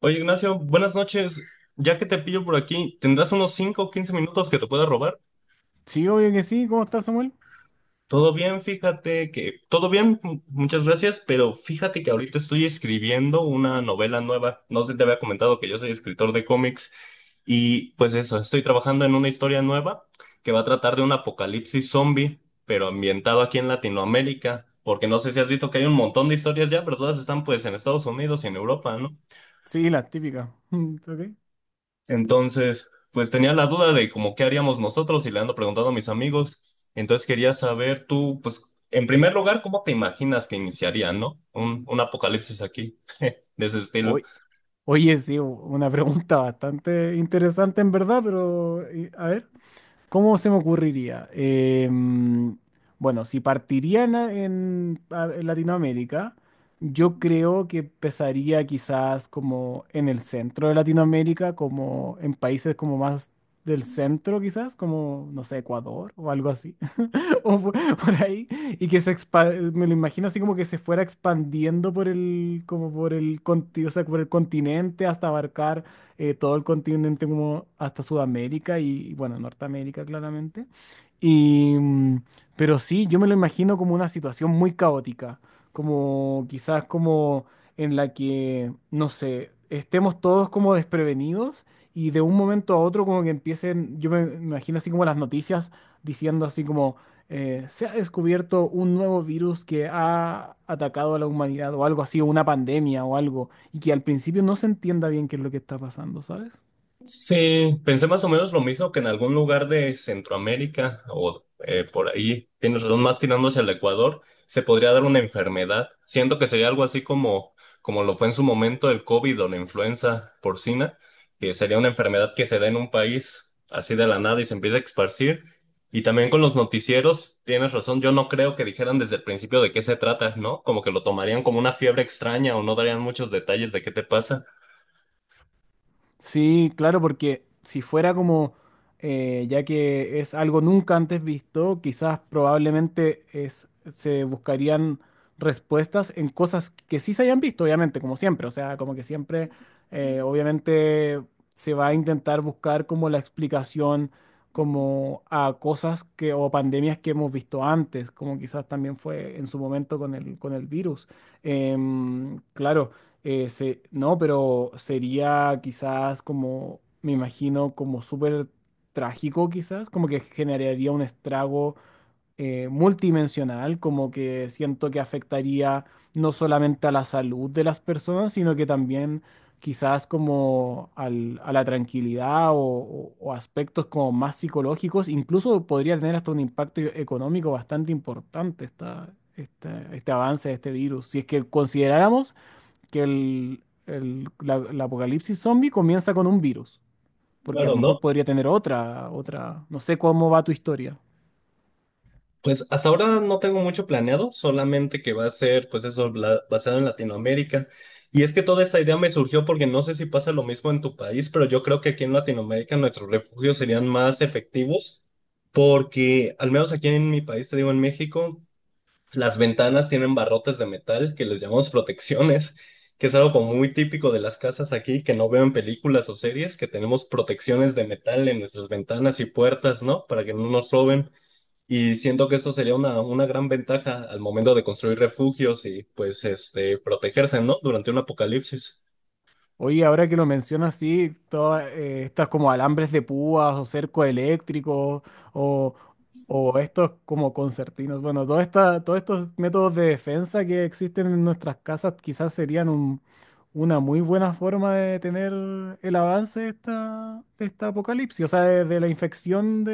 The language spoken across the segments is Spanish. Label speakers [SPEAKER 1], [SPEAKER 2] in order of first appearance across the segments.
[SPEAKER 1] Oye, Ignacio, buenas noches. Ya que te pillo por aquí, ¿tendrás unos 5 o 15 minutos que te pueda robar?
[SPEAKER 2] Sí, obvio que sí. ¿Cómo estás, Samuel?
[SPEAKER 1] Todo bien, fíjate que... Todo bien, muchas gracias, pero fíjate que ahorita estoy escribiendo una novela nueva. No sé si te había comentado que yo soy escritor de cómics y pues eso, estoy trabajando en una historia nueva que va a tratar de un apocalipsis zombie, pero ambientado aquí en Latinoamérica, porque no sé si has visto que hay un montón de historias ya, pero todas están pues en Estados Unidos y en Europa, ¿no?
[SPEAKER 2] Sí, las típicas. Mm, ok.
[SPEAKER 1] Entonces, pues tenía la duda de como qué haríamos nosotros y le ando preguntando a mis amigos. Entonces quería saber tú, pues, en primer lugar, ¿cómo te imaginas que iniciaría, no? Un apocalipsis aquí, de ese estilo.
[SPEAKER 2] Oy- Oye, sí, una pregunta bastante interesante en verdad, pero a ver, ¿cómo se me ocurriría? Bueno, si partiría en, en Latinoamérica, yo creo que empezaría quizás como en el centro de Latinoamérica, como en países como más del centro quizás, como, no sé, Ecuador o algo así. Por ahí, y que me lo imagino así como que se fuera expandiendo por el, como por el, o sea, por el continente hasta abarcar todo el continente como hasta Sudamérica y, bueno, Norteamérica claramente. Y, mm, pero sí, yo me lo imagino como una situación muy caótica, como quizás como en la que, no sé, estemos todos como desprevenidos y de un momento a otro como que empiecen, yo me imagino así como las noticias diciendo así como se ha descubierto un nuevo virus que ha atacado a la humanidad o algo así, o una pandemia o algo, y que al principio no se entienda bien qué es lo que está pasando, ¿sabes?
[SPEAKER 1] Sí, pensé más o menos lo mismo que en algún lugar de Centroamérica o por ahí, tienes razón, más tirando hacia el Ecuador, se podría dar una enfermedad. Siento que sería algo así como, como lo fue en su momento el COVID o la influenza porcina, que sería una enfermedad que se da en un país así de la nada y se empieza a esparcir. Y también con los noticieros, tienes razón, yo no creo que dijeran desde el principio de qué se trata, ¿no? Como que lo tomarían como una fiebre extraña o no darían muchos detalles de qué te pasa.
[SPEAKER 2] Sí, claro, porque si fuera como, ya que es algo nunca antes visto, quizás probablemente es, se buscarían respuestas en cosas que sí se hayan visto, obviamente, como siempre. O sea, como que siempre, obviamente, se va a intentar buscar como la explicación como a cosas que o pandemias que hemos visto antes, como quizás también fue en su momento con el virus. Claro. No, pero sería quizás como, me imagino, como súper trágico quizás, como que generaría un estrago multidimensional, como que siento que afectaría no solamente a la salud de las personas, sino que también quizás como a la tranquilidad o, o aspectos como más psicológicos, incluso podría tener hasta un impacto económico bastante importante esta, este avance de este virus, si es que consideráramos que el, la, la apocalipsis zombie comienza con un virus, porque a
[SPEAKER 1] Claro,
[SPEAKER 2] lo
[SPEAKER 1] ¿no?
[SPEAKER 2] mejor podría tener otra, otra, no sé cómo va tu historia.
[SPEAKER 1] Pues hasta ahora no tengo mucho planeado, solamente que va a ser, pues eso, basado en Latinoamérica. Y es que toda esta idea me surgió porque no sé si pasa lo mismo en tu país, pero yo creo que aquí en Latinoamérica nuestros refugios serían más efectivos porque, al menos aquí en mi país, te digo en México, las ventanas tienen barrotes de metal que les llamamos protecciones, que es algo como muy típico de las casas aquí, que no veo en películas o series, que tenemos protecciones de metal en nuestras ventanas y puertas, ¿no? Para que no nos roben. Y siento que esto sería una gran ventaja al momento de construir refugios y pues este, protegerse, ¿no? Durante un apocalipsis.
[SPEAKER 2] Oye, ahora que lo mencionas, sí, todas estas como alambres de púas o cerco eléctrico o, o estos como concertinos, bueno, todos estos métodos de defensa que existen en nuestras casas quizás serían una muy buena forma de tener el avance de esta apocalipsis, o sea, de la infección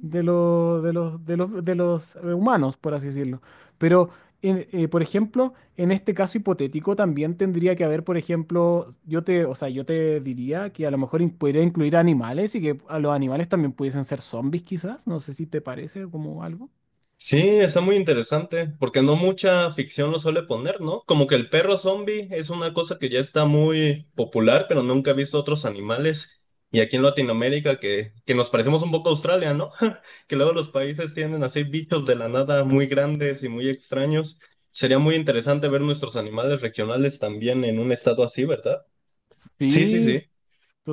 [SPEAKER 2] de los, de los, de los, de los humanos, por así decirlo. Pero, por ejemplo, en este caso hipotético también tendría que haber, por ejemplo, yo te, o sea, yo te diría que a lo mejor podría incluir animales y que a los animales también pudiesen ser zombies, quizás. No sé si te parece como algo.
[SPEAKER 1] Sí, está muy interesante, porque no mucha ficción lo suele poner, ¿no? Como que el perro zombie es una cosa que ya está muy popular, pero nunca he visto otros animales. Y aquí en Latinoamérica, que nos parecemos un poco a Australia, ¿no? Que luego los países tienen así bichos de la nada muy grandes y muy extraños. Sería muy interesante ver nuestros animales regionales también en un estado así, ¿verdad? Sí, sí,
[SPEAKER 2] Sí,
[SPEAKER 1] sí,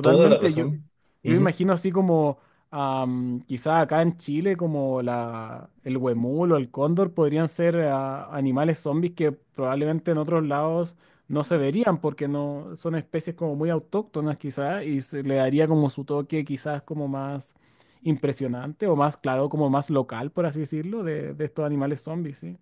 [SPEAKER 1] toda la
[SPEAKER 2] yo,
[SPEAKER 1] razón.
[SPEAKER 2] yo imagino así como quizá acá en Chile como la, el huemul o el cóndor podrían ser animales zombies que probablemente en otros lados no se verían porque no son especies como muy autóctonas quizá y se le daría como su toque quizás como más impresionante o más claro, como más local por así decirlo de estos animales zombies, ¿sí?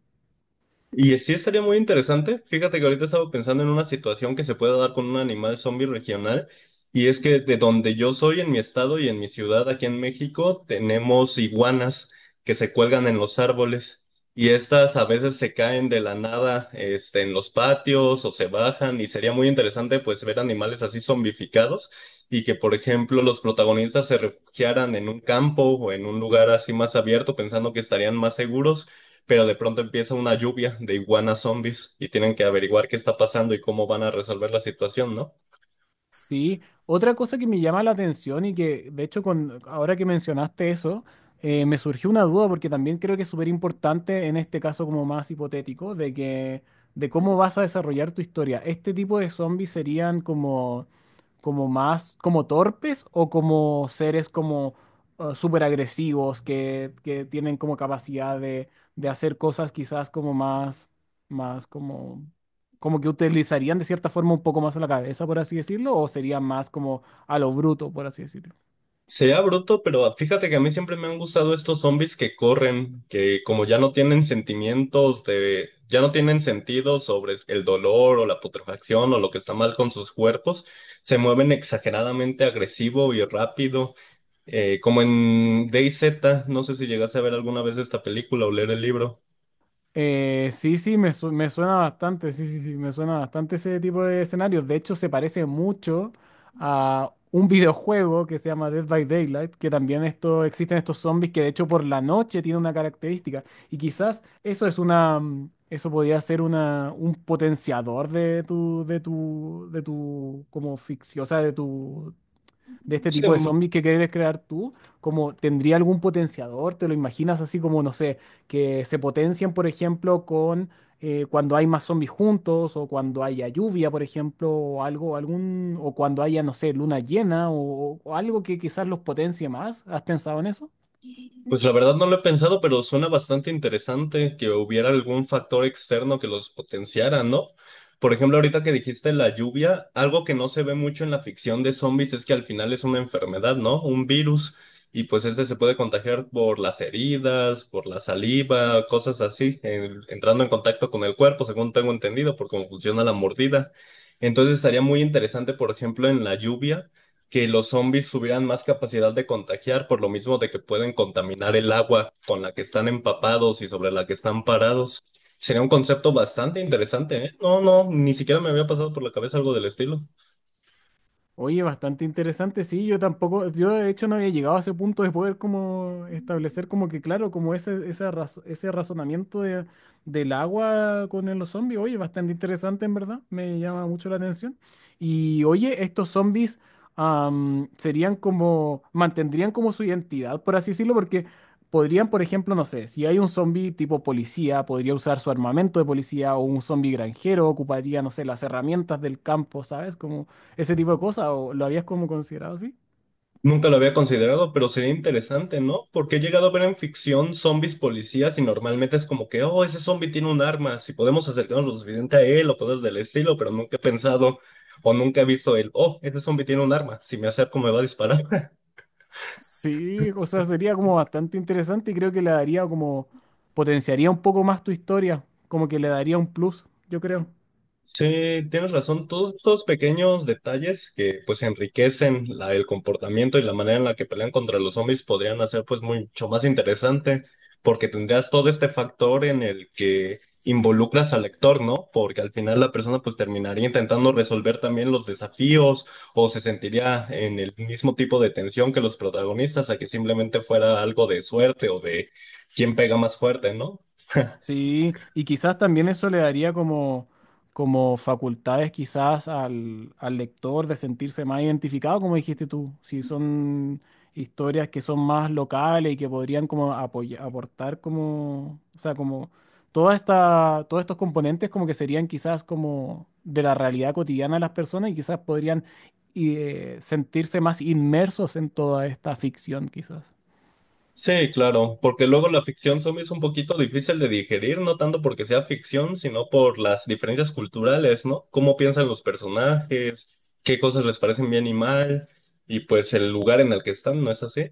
[SPEAKER 1] Y sí sería muy interesante. Fíjate que ahorita estaba pensando en una situación que se puede dar con un animal zombie regional. Y es que de donde yo soy, en mi estado y en mi ciudad, aquí en México, tenemos iguanas que se cuelgan en los árboles. Y estas a veces se caen de la nada, este, en los patios o se bajan. Y sería muy interesante, pues, ver animales así zombificados y que, por ejemplo, los protagonistas se refugiaran en un campo o en un lugar así más abierto, pensando que estarían más seguros pero de pronto empieza una lluvia de iguanas zombies y tienen que averiguar qué está pasando y cómo van a resolver la situación, ¿no?
[SPEAKER 2] Sí, otra cosa que me llama la atención y que de hecho con, ahora que mencionaste eso, me surgió una duda porque también creo que es súper importante en este caso como más hipotético de que de cómo vas a desarrollar tu historia. ¿Este tipo de zombies serían como, como más como torpes o como seres como súper agresivos que tienen como capacidad de hacer cosas quizás como más, más como como que utilizarían de cierta forma un poco más la cabeza, por así decirlo, o sería más como a lo bruto, por así decirlo?
[SPEAKER 1] Sea bruto, pero fíjate que a mí siempre me han gustado estos zombies que corren, que como ya no tienen sentimientos de, ya no tienen sentido sobre el dolor o la putrefacción o lo que está mal con sus cuerpos, se mueven exageradamente agresivo y rápido, como en DayZ, no sé si llegaste a ver alguna vez esta película o leer el libro.
[SPEAKER 2] Sí, sí, me, me suena bastante, sí, sí, sí, me suena bastante ese tipo de escenarios. De hecho, se parece mucho a un videojuego que se llama Dead by Daylight, que también esto, existen estos zombies que de hecho por la noche tienen una característica. Y quizás eso es una, eso podría ser una, un potenciador de tu, de tu, de tu, como ficción, o sea, de tu de este
[SPEAKER 1] Se,
[SPEAKER 2] tipo de zombies que quieres crear tú, como tendría algún potenciador, te lo imaginas así como, no sé, que se potencian, por ejemplo, con cuando hay más zombies juntos, o cuando haya lluvia, por ejemplo, o algo, algún, o cuando haya, no sé, luna llena, o algo que quizás los potencie más. ¿Has pensado en eso?
[SPEAKER 1] Pues la verdad no lo he pensado, pero suena bastante interesante que hubiera algún factor externo que los potenciara, ¿no? Por ejemplo, ahorita que dijiste la lluvia, algo que no se ve mucho en la ficción de zombies es que al final es una enfermedad, ¿no? Un virus, y pues ese se puede contagiar por las heridas, por la saliva, cosas así, entrando en contacto con el cuerpo, según tengo entendido, por cómo funciona la mordida. Entonces estaría muy interesante, por ejemplo, en la lluvia que los zombies tuvieran más capacidad de contagiar, por lo mismo de que pueden contaminar el agua con la que están empapados y sobre la que están parados. Sería un concepto bastante interesante, ¿eh? No, no, ni siquiera me había pasado por la cabeza algo del estilo.
[SPEAKER 2] Oye, bastante interesante, sí, yo tampoco, yo de hecho no había llegado a ese punto de poder como establecer como que, claro, como ese, ese razonamiento del agua con los zombies, oye, bastante interesante en verdad, me llama mucho la atención. Y oye, estos zombies serían como, mantendrían como su identidad, por así decirlo, porque podrían, por ejemplo, no sé, si hay un zombie tipo policía, podría usar su armamento de policía o un zombie granjero, ocuparía, no sé, las herramientas del campo, ¿sabes? ¿Como ese tipo de cosas, o lo habías como considerado así?
[SPEAKER 1] Nunca lo había considerado, pero sería interesante, ¿no? Porque he llegado a ver en ficción zombies policías y normalmente es como que, oh, ese zombie tiene un arma, si podemos acercarnos lo suficiente a él o cosas del estilo, pero nunca he pensado o nunca he visto el, oh, ese zombie tiene un arma, si me acerco me va a disparar.
[SPEAKER 2] Sí, o sea, sería como bastante interesante y creo que le daría como, potenciaría un poco más tu historia, como que le daría un plus, yo creo.
[SPEAKER 1] Sí, tienes razón. Todos estos pequeños detalles que pues enriquecen el comportamiento y la manera en la que pelean contra los zombies podrían hacer pues mucho más interesante porque tendrías todo este factor en el que involucras al lector, ¿no? Porque al final la persona pues terminaría intentando resolver también los desafíos o se sentiría en el mismo tipo de tensión que los protagonistas a que simplemente fuera algo de suerte o de quién pega más fuerte, ¿no?
[SPEAKER 2] Sí, y quizás también eso le daría como, como facultades quizás al, al lector de sentirse más identificado, como dijiste tú, si son historias que son más locales y que podrían como aportar como, o sea, como toda esta, todos estos componentes como que serían quizás como de la realidad cotidiana de las personas y quizás podrían sentirse más inmersos en toda esta ficción quizás.
[SPEAKER 1] Sí, claro, porque luego la ficción zombie es un poquito difícil de digerir, no tanto porque sea ficción, sino por las diferencias culturales, ¿no? Cómo piensan los personajes, qué cosas les parecen bien y mal, y pues el lugar en el que están, ¿no es así?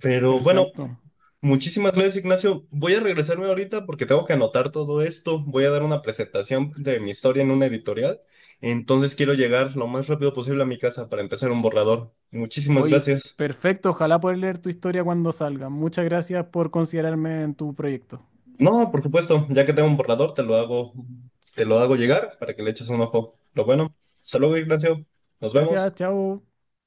[SPEAKER 1] Pero bueno,
[SPEAKER 2] Perfecto.
[SPEAKER 1] muchísimas gracias, Ignacio. Voy a regresarme ahorita porque tengo que anotar todo esto. Voy a dar una presentación de mi historia en una editorial, entonces quiero llegar lo más rápido posible a mi casa para empezar un borrador. Muchísimas
[SPEAKER 2] Oye,
[SPEAKER 1] gracias.
[SPEAKER 2] perfecto. Ojalá poder leer tu historia cuando salga. Muchas gracias por considerarme en tu proyecto.
[SPEAKER 1] No, por supuesto, ya que tengo un borrador, te lo hago llegar para que le eches un ojo. Lo bueno. Hasta luego, Ignacio. Nos
[SPEAKER 2] Gracias,
[SPEAKER 1] vemos.
[SPEAKER 2] chao.